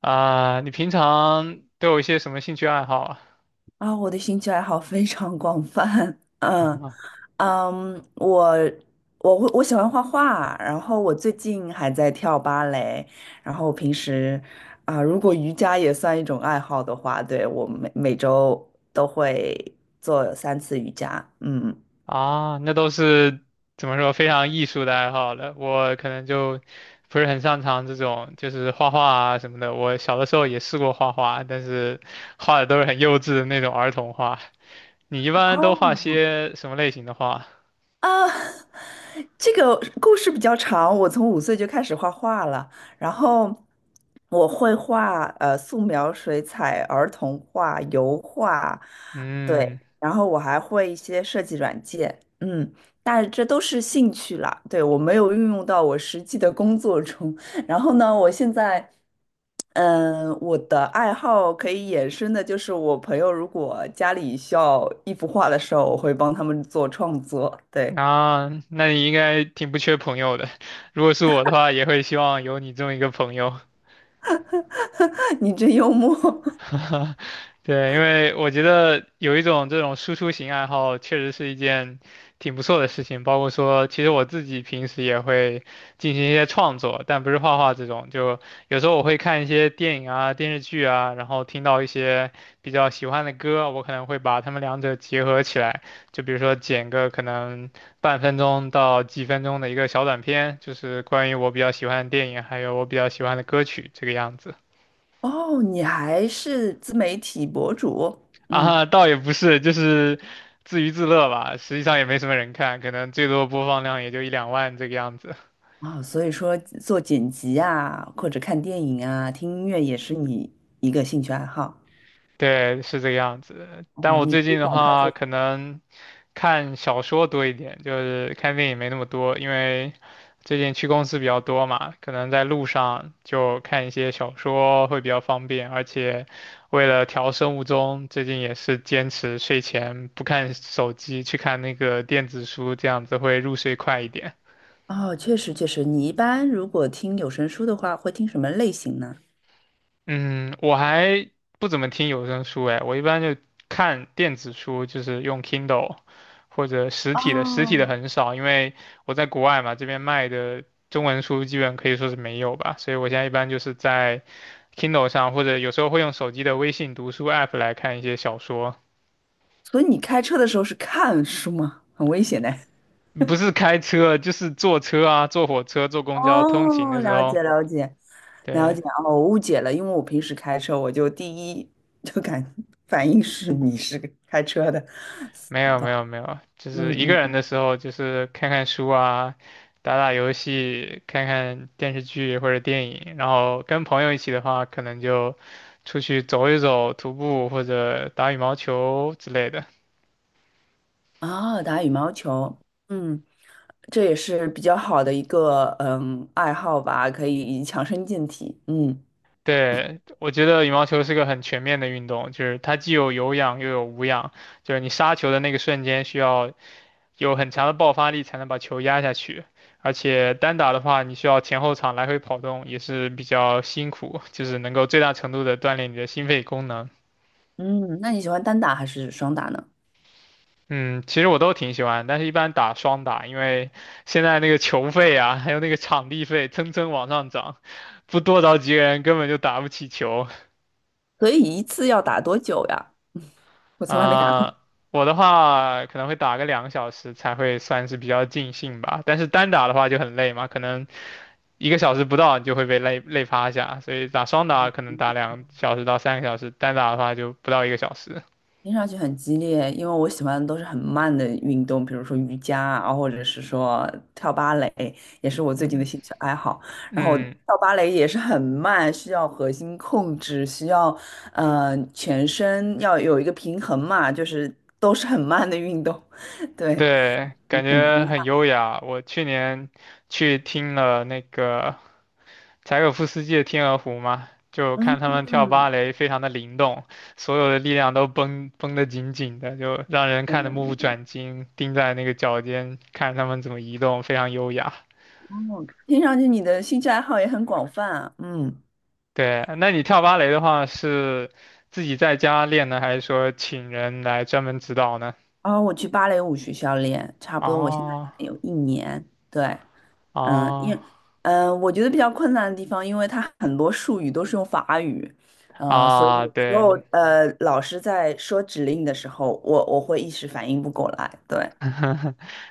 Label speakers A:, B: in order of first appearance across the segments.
A: 啊，你平常都有一些什么兴趣爱好啊？
B: 啊，我的兴趣爱好非常广泛。嗯 嗯，我我喜欢画画，然后我最近还在跳芭蕾，然后平时啊，如果瑜伽也算一种爱好的话，对，我每周都会做3次瑜伽。嗯，
A: 啊，啊那都是怎么说非常艺术的爱好了。我可能就不是很擅长这种，就是画画啊什么的。我小的时候也试过画画，但是画的都是很幼稚的那种儿童画。你一般都画
B: 哦。
A: 些什么类型的画？
B: 啊，这个故事比较长。我从5岁就开始画画了，然后我会画素描、水彩、儿童画、油画，对，
A: 嗯，
B: 然后我还会一些设计软件，嗯，但是这都是兴趣啦，对，我没有运用到我实际的工作中。然后呢，我现在，我的爱好可以衍生的就是，我朋友如果家里需要一幅画的时候，我会帮他们做创作。对。
A: 啊，那你应该挺不缺朋友的。如果是我的话，也会希望有你这么一个朋友。
B: 你真幽默。
A: 对，因为我觉得有一种这种输出型爱好，确实是一件挺不错的事情。包括说，其实我自己平时也会进行一些创作，但不是画画这种。就有时候我会看一些电影啊、电视剧啊，然后听到一些比较喜欢的歌，我可能会把它们两者结合起来。就比如说剪个可能半分钟到几分钟的一个小短片，就是关于我比较喜欢的电影，还有我比较喜欢的歌曲这个样子。
B: 哦，你还是自媒体博主，嗯，
A: 啊，倒也不是，就是自娱自乐吧。实际上也没什么人看，可能最多播放量也就一两万这个样子。
B: 啊、所以说做剪辑啊，或者看电影啊，听音乐也是你一个兴趣爱好。
A: 对，是这个样子的。但
B: 哦，
A: 我
B: 你
A: 最
B: 可以
A: 近的
B: 展开
A: 话，
B: 说。
A: 可能看小说多一点，就是看电影没那么多，因为最近去公司比较多嘛，可能在路上就看一些小说会比较方便。而且为了调生物钟，最近也是坚持睡前不看手机，去看那个电子书，这样子会入睡快一点。
B: 哦，确实确实，你一般如果听有声书的话，会听什么类型呢？
A: 嗯，我还不怎么听有声书哎，我一般就看电子书，就是用 Kindle 或者实体的，实体的
B: 哦，
A: 很少，因为我在国外嘛，这边卖的中文书基本可以说是没有吧，所以我现在一般就是在 Kindle 上，或者有时候会用手机的微信读书 app 来看一些小说，
B: 所以你开车的时候是看书吗？很危险的。
A: 不是开车，就是坐车啊，坐火车、坐公交通勤
B: 哦，
A: 的时
B: 了
A: 候，
B: 解了解了
A: 对。
B: 解。哦，我误解了，因为我平时开车，我就第一就感反应是你是个开车的，
A: 没有
B: 懂？
A: 没有没有，就
B: 嗯
A: 是一个人
B: 嗯，
A: 的时候，就是看看书啊，打打游戏，看看电视剧或者电影。然后跟朋友一起的话，可能就出去走一走，徒步或者打羽毛球之类的。
B: 哦，打羽毛球，嗯，这也是比较好的一个爱好吧，可以强身健体。嗯
A: 对，我觉得羽毛球是个很全面的运动，就是它既有有氧又有无氧，就是你杀球的那个瞬间需要有很强的爆发力才能把球压下去。而且单打的话，你需要前后场来回跑动，也是比较辛苦，就是能够最大程度的锻炼你的心肺功能。
B: 嗯，那你喜欢单打还是双打呢？
A: 嗯，其实我都挺喜欢，但是一般打双打，因为现在那个球费啊，还有那个场地费蹭蹭往上涨，不多找几个人根本就打不起球。
B: 所以一次要打多久呀？我从来没打
A: 啊、
B: 过。
A: 我的话可能会打个2个小时才会算是比较尽兴吧，但是单打的话就很累嘛，可能一个小时不到你就会被累趴下，所以打双打可能打2小时到3个小时，单打的话就不到一个小时。
B: 听上去很激烈，因为我喜欢的都是很慢的运动，比如说瑜伽啊，或者是说跳芭蕾，也是我最近的
A: 嗯
B: 兴趣爱好。然后
A: 嗯，
B: 跳芭蕾也是很慢，需要核心控制，需要全身要有一个平衡嘛，就是都是很慢的运动。对，
A: 对，感
B: 很不一
A: 觉很
B: 样。
A: 优雅。我去年去听了那个柴可夫斯基的《天鹅湖》嘛，就看
B: 嗯，
A: 他们跳芭蕾，非常的灵动，所有的力量都绷绷得紧紧的，就让人
B: 对
A: 看得
B: 的。
A: 目不转睛，盯在那个脚尖看他们怎么移动，非常优雅。
B: 哦，听上去你的兴趣爱好也很广泛啊。嗯，
A: 对，那你跳芭蕾的话是自己在家练呢，还是说请人来专门指导呢？
B: 然后我去芭蕾舞学校练，差不多我现在
A: 哦
B: 练了有1年，对。嗯，因
A: 哦
B: 我觉得比较困难的地方，因为它很多术语都是用法语，所以
A: 啊，
B: 有时候
A: 对
B: 老师在说指令的时候，我会一时反应不过来。对，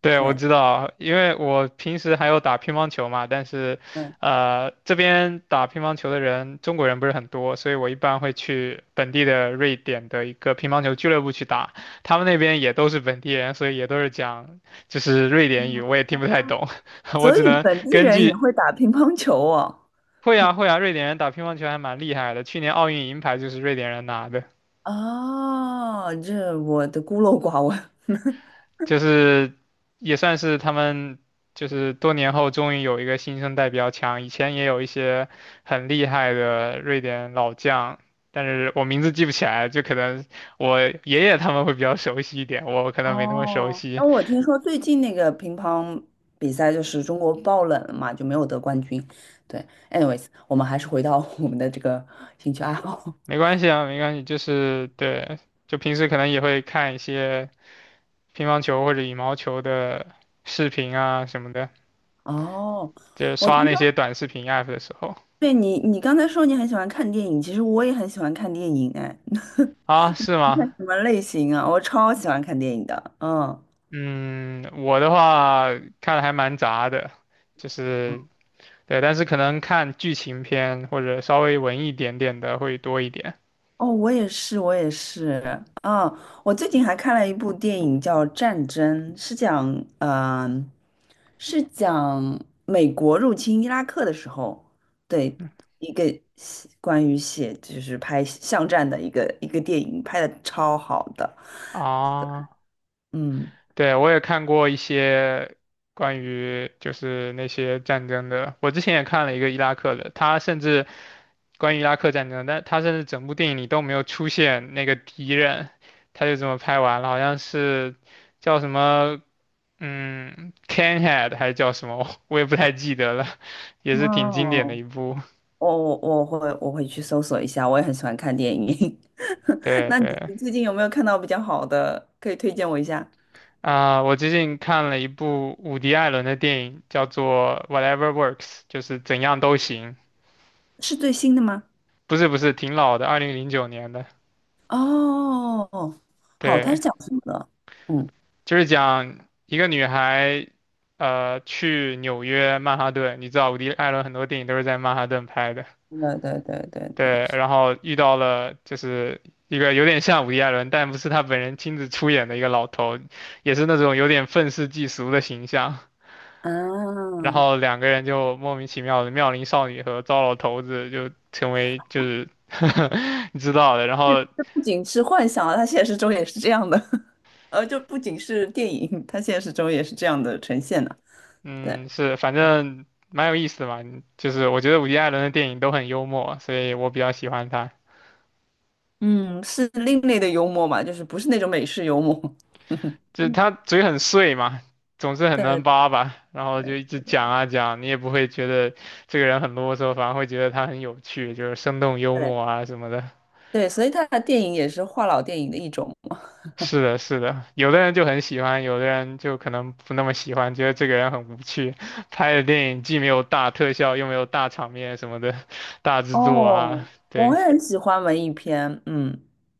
A: 对，我
B: 对。
A: 知道，因为我平时还有打乒乓球嘛，但是
B: 嗯，
A: 这边打乒乓球的人，中国人不是很多，所以我一般会去本地的瑞典的一个乒乓球俱乐部去打，他们那边也都是本地人，所以也都是讲就是瑞典语，我也听不太懂，我
B: 所
A: 只
B: 以
A: 能
B: 本地
A: 根
B: 人也
A: 据。
B: 会打乒乓球哦。
A: 会啊会啊，瑞典人打乒乓球还蛮厉害的，去年奥运银牌就是瑞典人拿的，
B: 哦，这我的孤陋寡闻。
A: 就是也算是他们就是多年后终于有一个新生代比较强，以前也有一些很厉害的瑞典老将，但是我名字记不起来，就可能我爷爷他们会比较熟悉一点，我可能没那么熟
B: 哦，
A: 悉，
B: 那我听说最近那个乒乓比赛就是中国爆冷了嘛，就没有得冠军。对，anyways，我们还是回到我们的这个兴趣爱好。
A: 没关系啊，没关系，就是对，就平时可能也会看一些乒乓球或者羽毛球的视频啊什么的。
B: 哦，
A: 就
B: 我
A: 刷
B: 听
A: 那些
B: 说
A: 短视频 app 的时候
B: 对，你，你刚才说你很喜欢看电影，其实我也很喜欢看电影，哎。你
A: 啊，是
B: 看
A: 吗？
B: 什么类型啊？我超喜欢看电影的。嗯，
A: 嗯，我的话看的还蛮杂的，就是对，但是可能看剧情片或者稍微文艺一点点的会多一点
B: 哦，我也是，我也是。嗯，我最近还看了一部电影叫《战争》，是讲，嗯、是讲美国入侵伊拉克的时候，对，一个写关于写就是拍巷战的一个电影，拍的超好的，
A: 啊。
B: 嗯。
A: 对，我也看过一些关于就是那些战争的，我之前也看了一个伊拉克的，他甚至关于伊拉克战争，但他甚至整部电影里都没有出现那个敌人，他就这么拍完了，好像是叫什么CANHEAD 还叫什么？我也不太记得了，也是挺经典的
B: 哦，
A: 一部。
B: 我会去搜索一下，我也很喜欢看电影。
A: 对
B: 那你
A: 对
B: 最近有没有看到比较好的，可以推荐我一下？
A: 啊、我最近看了一部伍迪·艾伦的电影，叫做《Whatever Works》，就是怎样都行。
B: 是最新的吗？
A: 不是不是，挺老的，2009年的。
B: 哦，好，它
A: 对，
B: 是讲什么的？嗯，
A: 就是讲一个女孩，去纽约曼哈顿。你知道伍迪·艾伦很多电影都是在曼哈顿拍的。
B: 对对对对对，
A: 对，
B: 是
A: 然后遇到了就是一个有点像伍迪·艾伦，但不是他本人亲自出演的一个老头，也是那种有点愤世嫉俗的形象。
B: 啊，
A: 然后两个人就莫名其妙的妙龄少女和糟老头子就成为就是 你知道的。然后
B: 这不仅是幻想啊，它现实中也是这样的。呃，就不仅是电影，它现实中也是这样的呈现的。对，
A: 嗯，是反正蛮有意思的嘛，就是我觉得伍迪·艾伦的电影都很幽默，所以我比较喜欢他。
B: 嗯，是另类的幽默嘛，就是不是那种美式幽默。
A: 就是他 嘴很碎嘛，总是很能
B: 对
A: 叭叭，然后就一
B: 对
A: 直讲啊讲，你也不会觉得这个人很啰嗦，反而会觉得他很有趣，就是生动幽
B: 对。
A: 默啊什么的。
B: 对，所以他的电影也是话痨电影的一种。
A: 是的，是的，有的人就很喜欢，有的人就可能不那么喜欢，觉得这个人很无趣，拍的电影既没有大特效，又没有大场面什么的，大制作啊，
B: 哦，
A: 对，
B: 我也很喜欢文艺片。嗯，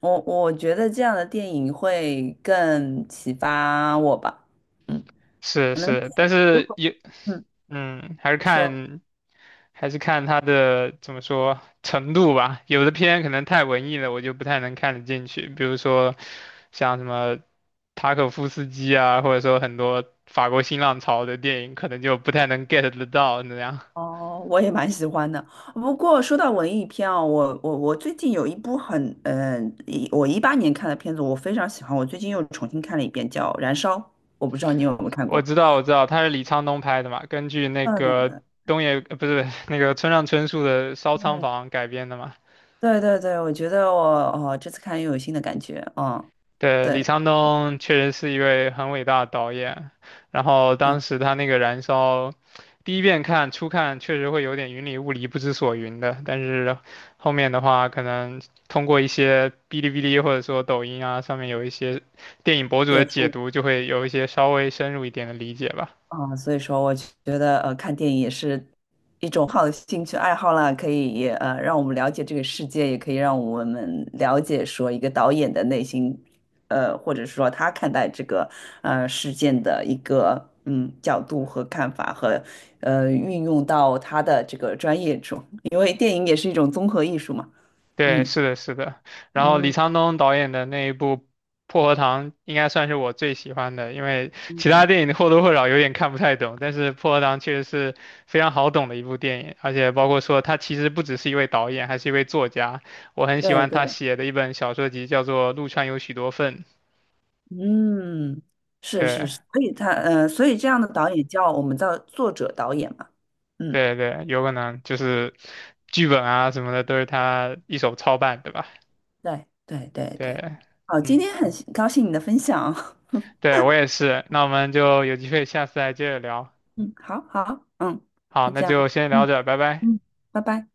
B: 我觉得这样的电影会更启发我吧。嗯，
A: 是
B: 可能
A: 是，但
B: 如
A: 是
B: 果
A: 也，
B: 嗯
A: 嗯，还是
B: 你说
A: 看。还是看它的怎么说程度吧。有的片可能太文艺了，我就不太能看得进去。比如说像什么塔可夫斯基啊，或者说很多法国新浪潮的电影，可能就不太能 get 得到那样。
B: 哦，我也蛮喜欢的。不过说到文艺片哦，我最近有一部很嗯、一我2018年看的片子，我非常喜欢，我最近又重新看了一遍，叫《燃烧》，我不知道你有没有看
A: 我
B: 过。
A: 知道，我知道，他是李沧东拍的嘛，根据那个
B: 嗯，
A: 东野，不是那个村上春树的《烧仓
B: 对
A: 房》改编的嘛。
B: 对对对，我觉得我哦，这次看又有新的感觉。嗯，
A: 对，李
B: 对
A: 沧东确实是一位很伟大的导演，然后
B: 对，
A: 当时他那个《燃烧》，第一遍看初看确实会有点云里雾里、不知所云的，但是后面的话，可能通过一些哔哩哔哩或者说抖音啊上面有一些电影博主
B: 也
A: 的
B: 是
A: 解读，就会有一些稍微深入一点的理解吧。
B: 啊。嗯，所以说我觉得看电影也是一种好的兴趣爱好啦，可以也让我们了解这个世界，也可以让我们了解说一个导演的内心，或者说他看待这个事件的一个角度和看法和运用到他的这个专业中，因为电影也是一种综合艺术嘛。
A: 对，
B: 嗯
A: 是的，是的。然后李
B: 嗯
A: 沧东导演的那一部《薄荷糖》应该算是我最喜欢的，因为其他
B: 嗯，
A: 电影或多或少有点看不太懂，但是《薄荷糖》确实是非常好懂的一部电影，而且包括说他其实不只是一位导演，还是一位作家。我很喜
B: 对
A: 欢他
B: 对。
A: 写的一本小说集，叫做《陆川有许多份》。
B: 嗯，是是
A: 对，
B: 是。所以这样的导演叫我们叫作者导演嘛。嗯，
A: 对，对，有可能就是剧本啊什么的都是他一手操办，对吧？
B: 对对对
A: 对，
B: 对。好，今
A: 嗯，
B: 天很高兴你的分享。
A: 对，我也是。那我们就有机会下次再接着聊。
B: 嗯，好好。嗯，
A: 好，
B: 就
A: 那
B: 这
A: 就
B: 样。
A: 先聊
B: 嗯
A: 着，拜拜。
B: 嗯，拜拜。